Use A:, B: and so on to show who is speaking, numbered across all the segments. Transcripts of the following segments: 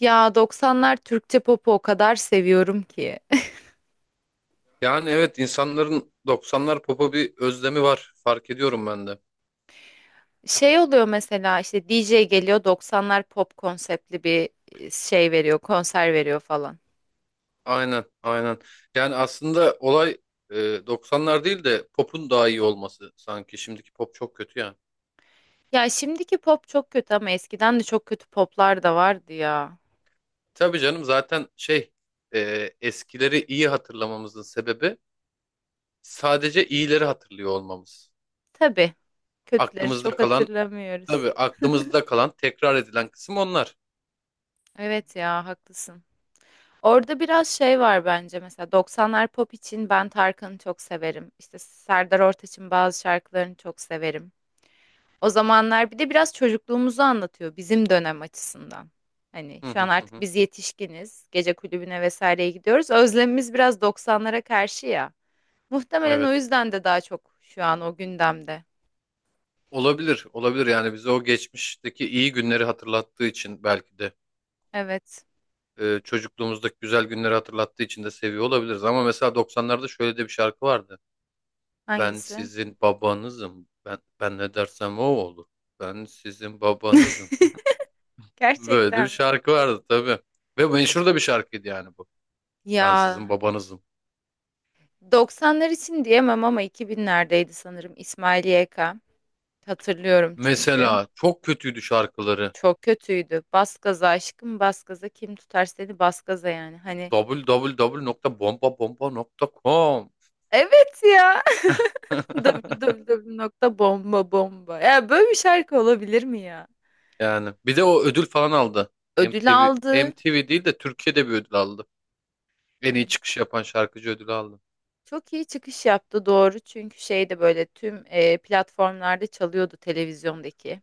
A: Ya doksanlar Türkçe popu o kadar seviyorum ki.
B: Yani evet insanların 90'lar popa bir özlemi var. Fark ediyorum ben de.
A: Şey oluyor mesela işte DJ geliyor doksanlar pop konseptli bir şey veriyor, konser veriyor falan.
B: Aynen, aynen. Yani aslında olay 90'lar değil de popun daha iyi olması sanki. Şimdiki pop çok kötü ya.
A: Ya şimdiki pop çok kötü ama eskiden de çok kötü poplar da vardı ya.
B: Tabii canım zaten eskileri iyi hatırlamamızın sebebi sadece iyileri hatırlıyor olmamız.
A: Tabii kötüleri
B: Aklımızda
A: çok
B: kalan
A: hatırlamıyoruz.
B: tabii Aklımızda kalan tekrar edilen kısım onlar.
A: Evet ya haklısın. Orada biraz şey var bence mesela doksanlar pop için ben Tarkan'ı çok severim. İşte Serdar Ortaç'ın bazı şarkılarını çok severim. O zamanlar bir de biraz çocukluğumuzu anlatıyor bizim dönem açısından. Hani
B: Hı
A: şu an
B: hı hı.
A: artık
B: Hı.
A: biz yetişkiniz, gece kulübüne vesaireye gidiyoruz. Özlemimiz biraz 90'lara karşı ya. Muhtemelen o
B: Evet.
A: yüzden de daha çok şu an o gündemde.
B: Olabilir, olabilir yani bize o geçmişteki iyi günleri hatırlattığı için belki de.
A: Evet.
B: Çocukluğumuzdaki güzel günleri hatırlattığı için de seviyor olabiliriz. Ama mesela 90'larda şöyle de bir şarkı vardı. Ben
A: Hangisi?
B: sizin babanızım. Ben ne dersem o olur. Ben sizin babanızım. Böyle de bir
A: Gerçekten mi?
B: şarkı vardı tabii. Ve meşhur da bir şarkıydı yani bu. Ben sizin
A: Ya
B: babanızım.
A: 90'lar için diyemem ama 2000'lerdeydi sanırım İsmail YK. Hatırlıyorum çünkü.
B: Mesela çok kötüydü şarkıları.
A: Çok kötüydü. Bas gaza aşkım bas gaza kim tutar seni bas gaza yani. Hani
B: www.bombabomba.com
A: evet ya. www nokta bomba bomba. Ya böyle bir şarkı olabilir mi ya?
B: Yani bir de o ödül falan aldı.
A: Ödül
B: MTV
A: aldı.
B: MTV değil de Türkiye'de bir ödül aldı. En iyi çıkış yapan şarkıcı ödülü aldı.
A: Çok iyi çıkış yaptı doğru. Çünkü şey de böyle tüm platformlarda çalıyordu televizyondaki.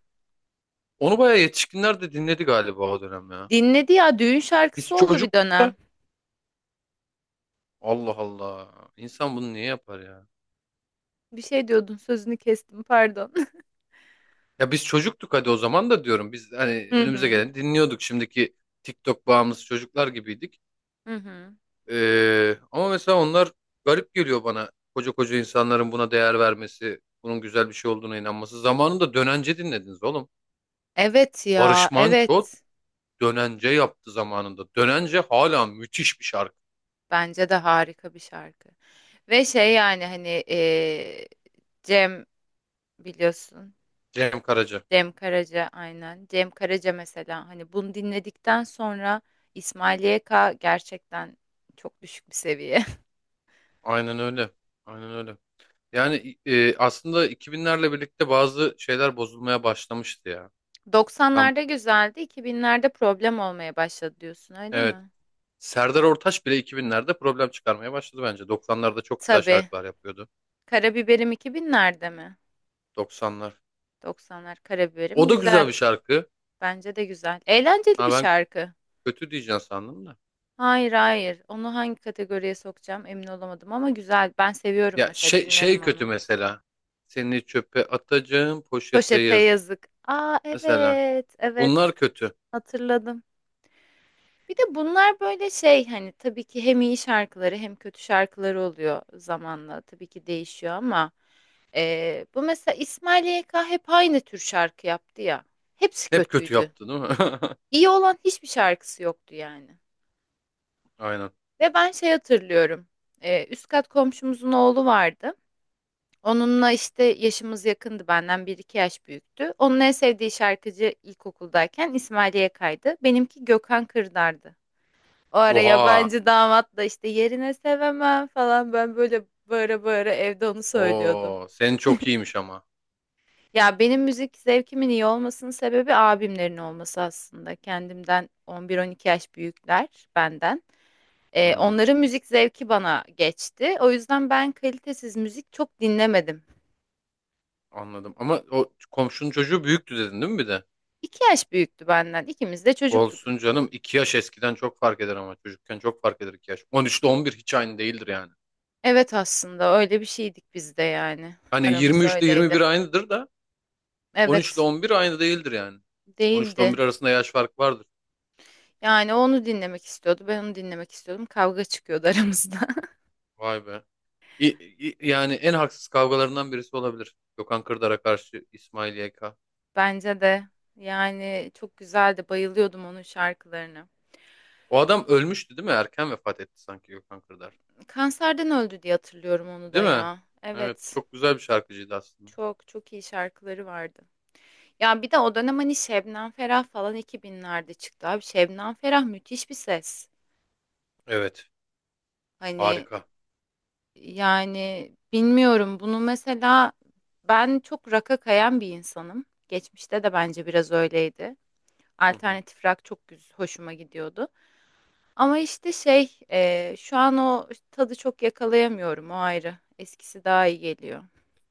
B: Onu bayağı yetişkinler de dinledi galiba o dönem ya.
A: Dinledi ya düğün
B: Biz
A: şarkısı oldu bir
B: çocuktuk da
A: dönem.
B: Allah Allah. İnsan bunu niye yapar ya?
A: Bir şey diyordun sözünü kestim pardon.
B: Ya biz çocuktuk hadi o zaman da diyorum. Biz hani
A: Hı
B: önümüze
A: hı.
B: gelen dinliyorduk. Şimdiki TikTok bağımlısı çocuklar gibiydik.
A: Hı hı.
B: Ama mesela onlar garip geliyor bana. Koca koca insanların buna değer vermesi, bunun güzel bir şey olduğuna inanması. Zamanında Dönence dinlediniz oğlum.
A: Evet ya,
B: Barış Manço
A: evet.
B: Dönence yaptı zamanında. Dönence hala müthiş bir şarkı.
A: Bence de harika bir şarkı. Ve şey yani hani Cem biliyorsun.
B: Cem Karaca.
A: Cem Karaca aynen. Cem Karaca mesela hani bunu dinledikten sonra İsmail YK gerçekten çok düşük bir seviye.
B: Aynen öyle. Aynen öyle. Yani aslında 2000'lerle birlikte bazı şeyler bozulmaya başlamıştı ya. Tam
A: 90'larda güzeldi, 2000'lerde problem olmaya başladı diyorsun öyle
B: evet.
A: mi?
B: Serdar Ortaç bile 2000'lerde problem çıkarmaya başladı bence. 90'larda çok güzel
A: Tabii.
B: şarkılar yapıyordu.
A: Karabiberim 2000'lerde mi?
B: 90'lar.
A: 90'lar Karabiberim
B: O da güzel
A: güzel.
B: bir şarkı.
A: Bence de güzel. Eğlenceli bir
B: Ha ben
A: şarkı.
B: kötü diyeceğim sandım da.
A: Hayır hayır. Onu hangi kategoriye sokacağım emin olamadım ama güzel. Ben seviyorum
B: Ya
A: mesela
B: şey
A: dinlerim
B: şey kötü
A: onu.
B: mesela. Seni çöpe atacağım poşete
A: Poşete
B: yazık.
A: yazık. Aa
B: Mesela
A: evet evet
B: bunlar kötü.
A: hatırladım. Bir de bunlar böyle şey hani tabii ki hem iyi şarkıları hem kötü şarkıları oluyor zamanla tabii ki değişiyor ama bu mesela İsmail YK hep aynı tür şarkı yaptı ya. Hepsi
B: Hep kötü
A: kötüydü.
B: yaptı değil mi?
A: İyi olan hiçbir şarkısı yoktu yani.
B: Aynen.
A: Ve ben şey hatırlıyorum. Üst kat komşumuzun oğlu vardı. Onunla işte yaşımız yakındı benden bir iki yaş büyüktü. Onun en sevdiği şarkıcı ilkokuldayken İsmail YK'ydı. Benimki Gökhan Kırdar'dı. O ara
B: Oha.
A: yabancı damat da işte yerine sevemem falan ben böyle bağıra bağıra evde onu söylüyordum.
B: Oo, senin çok iyiymiş ama.
A: Ya benim müzik zevkimin iyi olmasının sebebi abimlerin olması aslında. Kendimden 11-12 yaş büyükler benden.
B: Hmm.
A: Onların müzik zevki bana geçti. O yüzden ben kalitesiz müzik çok dinlemedim.
B: Anladım. Ama o komşunun çocuğu büyüktü dedin değil mi bir de?
A: 2 yaş büyüktü benden. İkimiz de çocuktuk.
B: Olsun canım. İki yaş eskiden çok fark eder ama çocukken çok fark eder 2 yaş. 13 ile 11 hiç aynı değildir yani.
A: Evet aslında öyle bir şeydik biz de yani.
B: Hani
A: Aramız
B: 23 ile yirmi
A: öyleydi.
B: bir aynıdır da 13 ile
A: Evet
B: 11 aynı değildir yani. 13 ile on
A: değildi.
B: bir arasında yaş farkı vardır.
A: Yani o onu dinlemek istiyordu. Ben onu dinlemek istiyordum. Kavga çıkıyordu aramızda.
B: Vay be. İ- Yani en haksız kavgalarından birisi olabilir. Gökhan Kırdar'a karşı İsmail YK.
A: Bence de yani çok güzeldi. Bayılıyordum onun şarkılarına.
B: O adam ölmüştü değil mi? Erken vefat etti sanki Gökhan Kırdar.
A: Kanserden öldü diye hatırlıyorum onu da
B: Değil mi?
A: ya.
B: Evet,
A: Evet.
B: çok güzel bir şarkıcıydı aslında.
A: Çok çok iyi şarkıları vardı. Ya bir de o dönem hani Şebnem Ferah falan 2000'lerde çıktı abi. Şebnem Ferah müthiş bir ses.
B: Evet,
A: Hani
B: harika.
A: yani bilmiyorum bunu mesela ben çok rock'a kayan bir insanım. Geçmişte de bence biraz öyleydi.
B: Hı hı.
A: Alternatif rock çok hoşuma gidiyordu. Ama işte şey şu an o tadı çok yakalayamıyorum o ayrı. Eskisi daha iyi geliyor.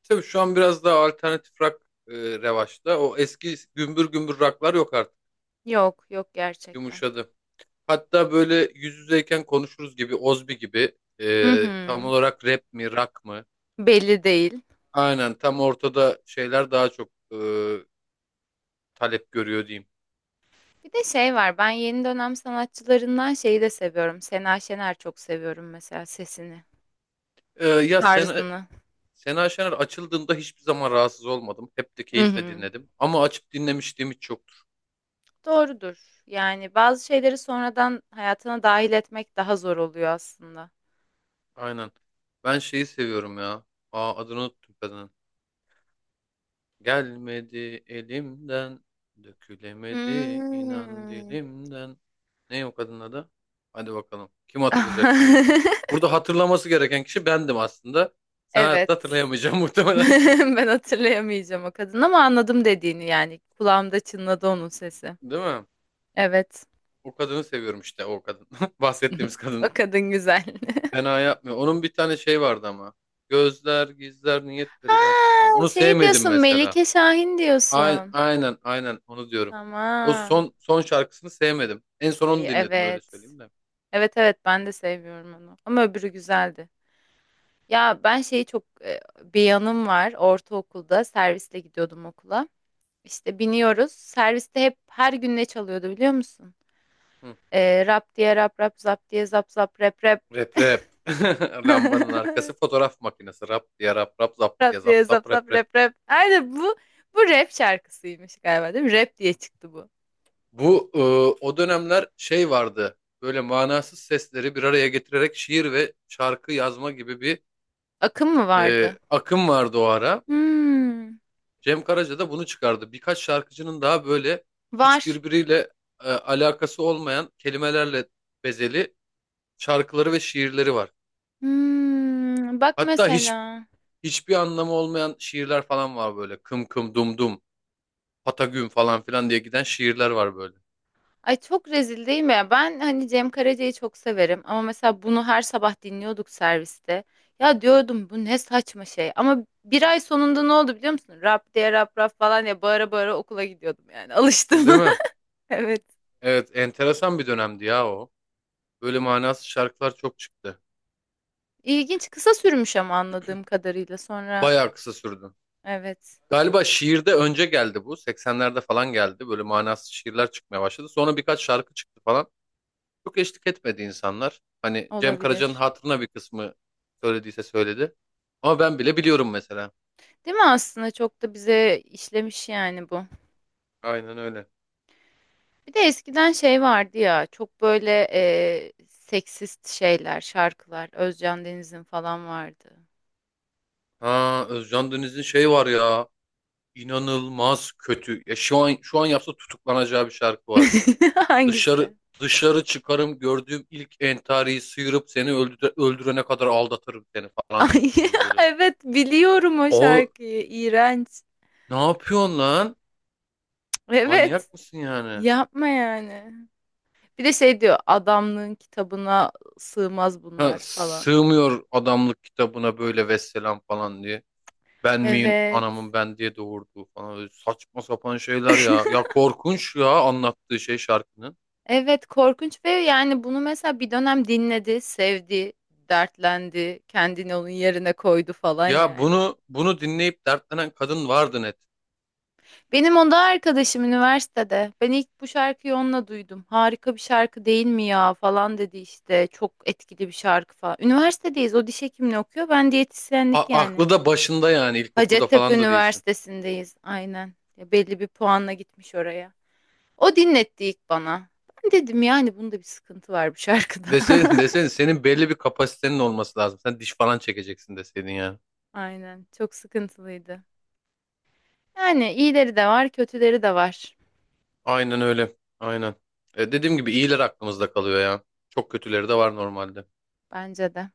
B: Tabii şu an biraz daha alternatif rock revaçta. O eski gümbür gümbür rocklar yok artık.
A: Yok yok gerçekten.
B: Yumuşadı. Hatta böyle yüz yüzeyken konuşuruz gibi, Ozbi gibi
A: Hı
B: tam
A: hı.
B: olarak rap mi, rock mı?
A: Belli değil.
B: Aynen tam ortada şeyler daha çok talep görüyor diyeyim.
A: Bir de şey var ben yeni dönem sanatçılarından şeyi de seviyorum. Sena Şener çok seviyorum mesela sesini,
B: Ya
A: tarzını.
B: Sena Şener açıldığında hiçbir zaman rahatsız olmadım. Hep de
A: Hı
B: keyifle
A: hı.
B: dinledim. Ama açıp dinlemişliğim hiç yoktur.
A: Doğrudur. Yani bazı şeyleri sonradan hayatına dahil etmek daha zor oluyor aslında.
B: Aynen. Ben şeyi seviyorum ya. Aa, adını unuttum kadının. Gelmedi elimden, dökülemedi inan
A: Hmm.
B: dilimden. Ne o kadının adı? Hadi bakalım. Kim hatırlayacak şimdi? Burada hatırlaması gereken kişi bendim aslında. Sen
A: Evet.
B: hayatta hatırlayamayacaksın muhtemelen.
A: Ben hatırlayamayacağım o kadın ama anladım dediğini yani. Kulağımda çınladı onun sesi.
B: Değil mi?
A: Evet.
B: O kadını seviyorum işte o kadın. Bahsettiğimiz
A: O
B: kadın.
A: kadın güzel.
B: Fena yapmıyor. Onun bir tane şey vardı ama. Gözler gizler
A: Ha,
B: niyetleri belki. Ama onu
A: şey
B: sevmedim
A: diyorsun
B: mesela.
A: Melike Şahin
B: Aynen
A: diyorsun.
B: aynen aynen onu diyorum. O
A: Tamam.
B: son şarkısını sevmedim. En son
A: Ay,
B: onu dinledim öyle
A: evet.
B: söyleyeyim de.
A: Evet evet ben de seviyorum onu. Ama öbürü güzeldi. Ya ben şeyi çok bir yanım var. Ortaokulda servisle gidiyordum okula. İşte biniyoruz. Serviste hep her gün ne çalıyordu biliyor musun?
B: Hı.
A: Rap diye rap rap zap diye zap zap rap rap.
B: Rap rap. Lambanın arkası fotoğraf makinesi. Rap diye rap rap zap diye
A: Rap
B: zap
A: diye zap
B: zap
A: zap
B: rap rap.
A: rap rap. Aynen bu rap şarkısıymış galiba değil mi? Rap diye çıktı bu.
B: Bu e, O dönemler şey vardı. Böyle manasız sesleri bir araya getirerek şiir ve şarkı yazma gibi bir
A: Akım mı vardı?
B: akım vardı o ara.
A: Hmm,
B: Cem Karaca da bunu çıkardı. Birkaç şarkıcının daha böyle hiç
A: var.
B: birbiriyle alakası olmayan kelimelerle bezeli şarkıları ve şiirleri var.
A: Hmm, bak
B: Hatta hiç
A: mesela.
B: hiçbir anlamı olmayan şiirler falan var böyle. Kım kım dum dum. Patagün falan filan diye giden şiirler var böyle.
A: Ay çok rezil değil mi ya? Ben hani Cem Karaca'yı çok severim ama mesela bunu her sabah dinliyorduk serviste. Ya diyordum bu ne saçma şey. Ama bir ay sonunda ne oldu biliyor musun? Rap diye rap rap falan ya bağıra bağıra okula gidiyordum yani. Alıştım.
B: Değil mi?
A: Evet.
B: Evet, enteresan bir dönemdi ya o. Böyle manasız şarkılar çok çıktı.
A: İlginç kısa sürmüş ama anladığım kadarıyla sonra
B: Bayağı kısa sürdü.
A: Evet,
B: Galiba şiirde önce geldi bu. 80'lerde falan geldi. Böyle manasız şiirler çıkmaya başladı. Sonra birkaç şarkı çıktı falan. Çok eşlik etmedi insanlar. Hani Cem Karaca'nın
A: olabilir.
B: hatırına bir kısmı söylediyse söyledi. Ama ben bile biliyorum mesela.
A: Değil mi aslında çok da bize işlemiş yani bu.
B: Aynen öyle.
A: Bir de eskiden şey vardı ya çok böyle seksist şeyler, şarkılar. Özcan Deniz'in falan vardı.
B: Ha Özcan Deniz'in şey var ya. İnanılmaz kötü. Ya şu an yapsa tutuklanacağı bir şarkı var.
A: Hangisi?
B: Dışarı Dışarı çıkarım gördüğüm ilk entariyi sıyırıp seni öldürene kadar aldatırım seni falan
A: Ay,
B: diyor böyle.
A: evet biliyorum o
B: O
A: şarkıyı. İğrenç.
B: ne yapıyorsun lan?
A: Evet.
B: Manyak mısın yani?
A: Yapma yani. Bir de şey diyor adamlığın kitabına sığmaz
B: Ha,
A: bunlar falan.
B: sığmıyor adamlık kitabına böyle vesselam falan diye. Ben miyim
A: Evet.
B: anamın ben diye doğurduğu falan öyle saçma sapan şeyler ya. Ya korkunç ya anlattığı şey şarkının.
A: Evet korkunç ve yani bunu mesela bir dönem dinledi, sevdi, dertlendi, kendini onun yerine koydu falan
B: Ya
A: yani.
B: bunu dinleyip dertlenen kadın vardı net.
A: Benim onda arkadaşım üniversitede. Ben ilk bu şarkıyı onunla duydum. Harika bir şarkı değil mi ya falan dedi işte. Çok etkili bir şarkı falan. Üniversitedeyiz. O diş hekimliği okuyor. Ben diyetisyenlik yani.
B: Aklı da başında yani ilkokulda
A: Hacettepe
B: falan da değilsin.
A: Üniversitesi'ndeyiz. Aynen. Ya belli bir puanla gitmiş oraya. O dinletti ilk bana. Ben dedim yani bunda bir sıkıntı var bu şarkıda.
B: Deseydin, deseydin senin belli bir kapasitenin olması lazım. Sen diş falan çekeceksin deseydin yani.
A: Aynen. Çok sıkıntılıydı. Yani iyileri de var, kötüleri de var.
B: Aynen öyle. Aynen. Dediğim gibi iyiler aklımızda kalıyor ya. Çok kötüleri de var normalde.
A: Bence de.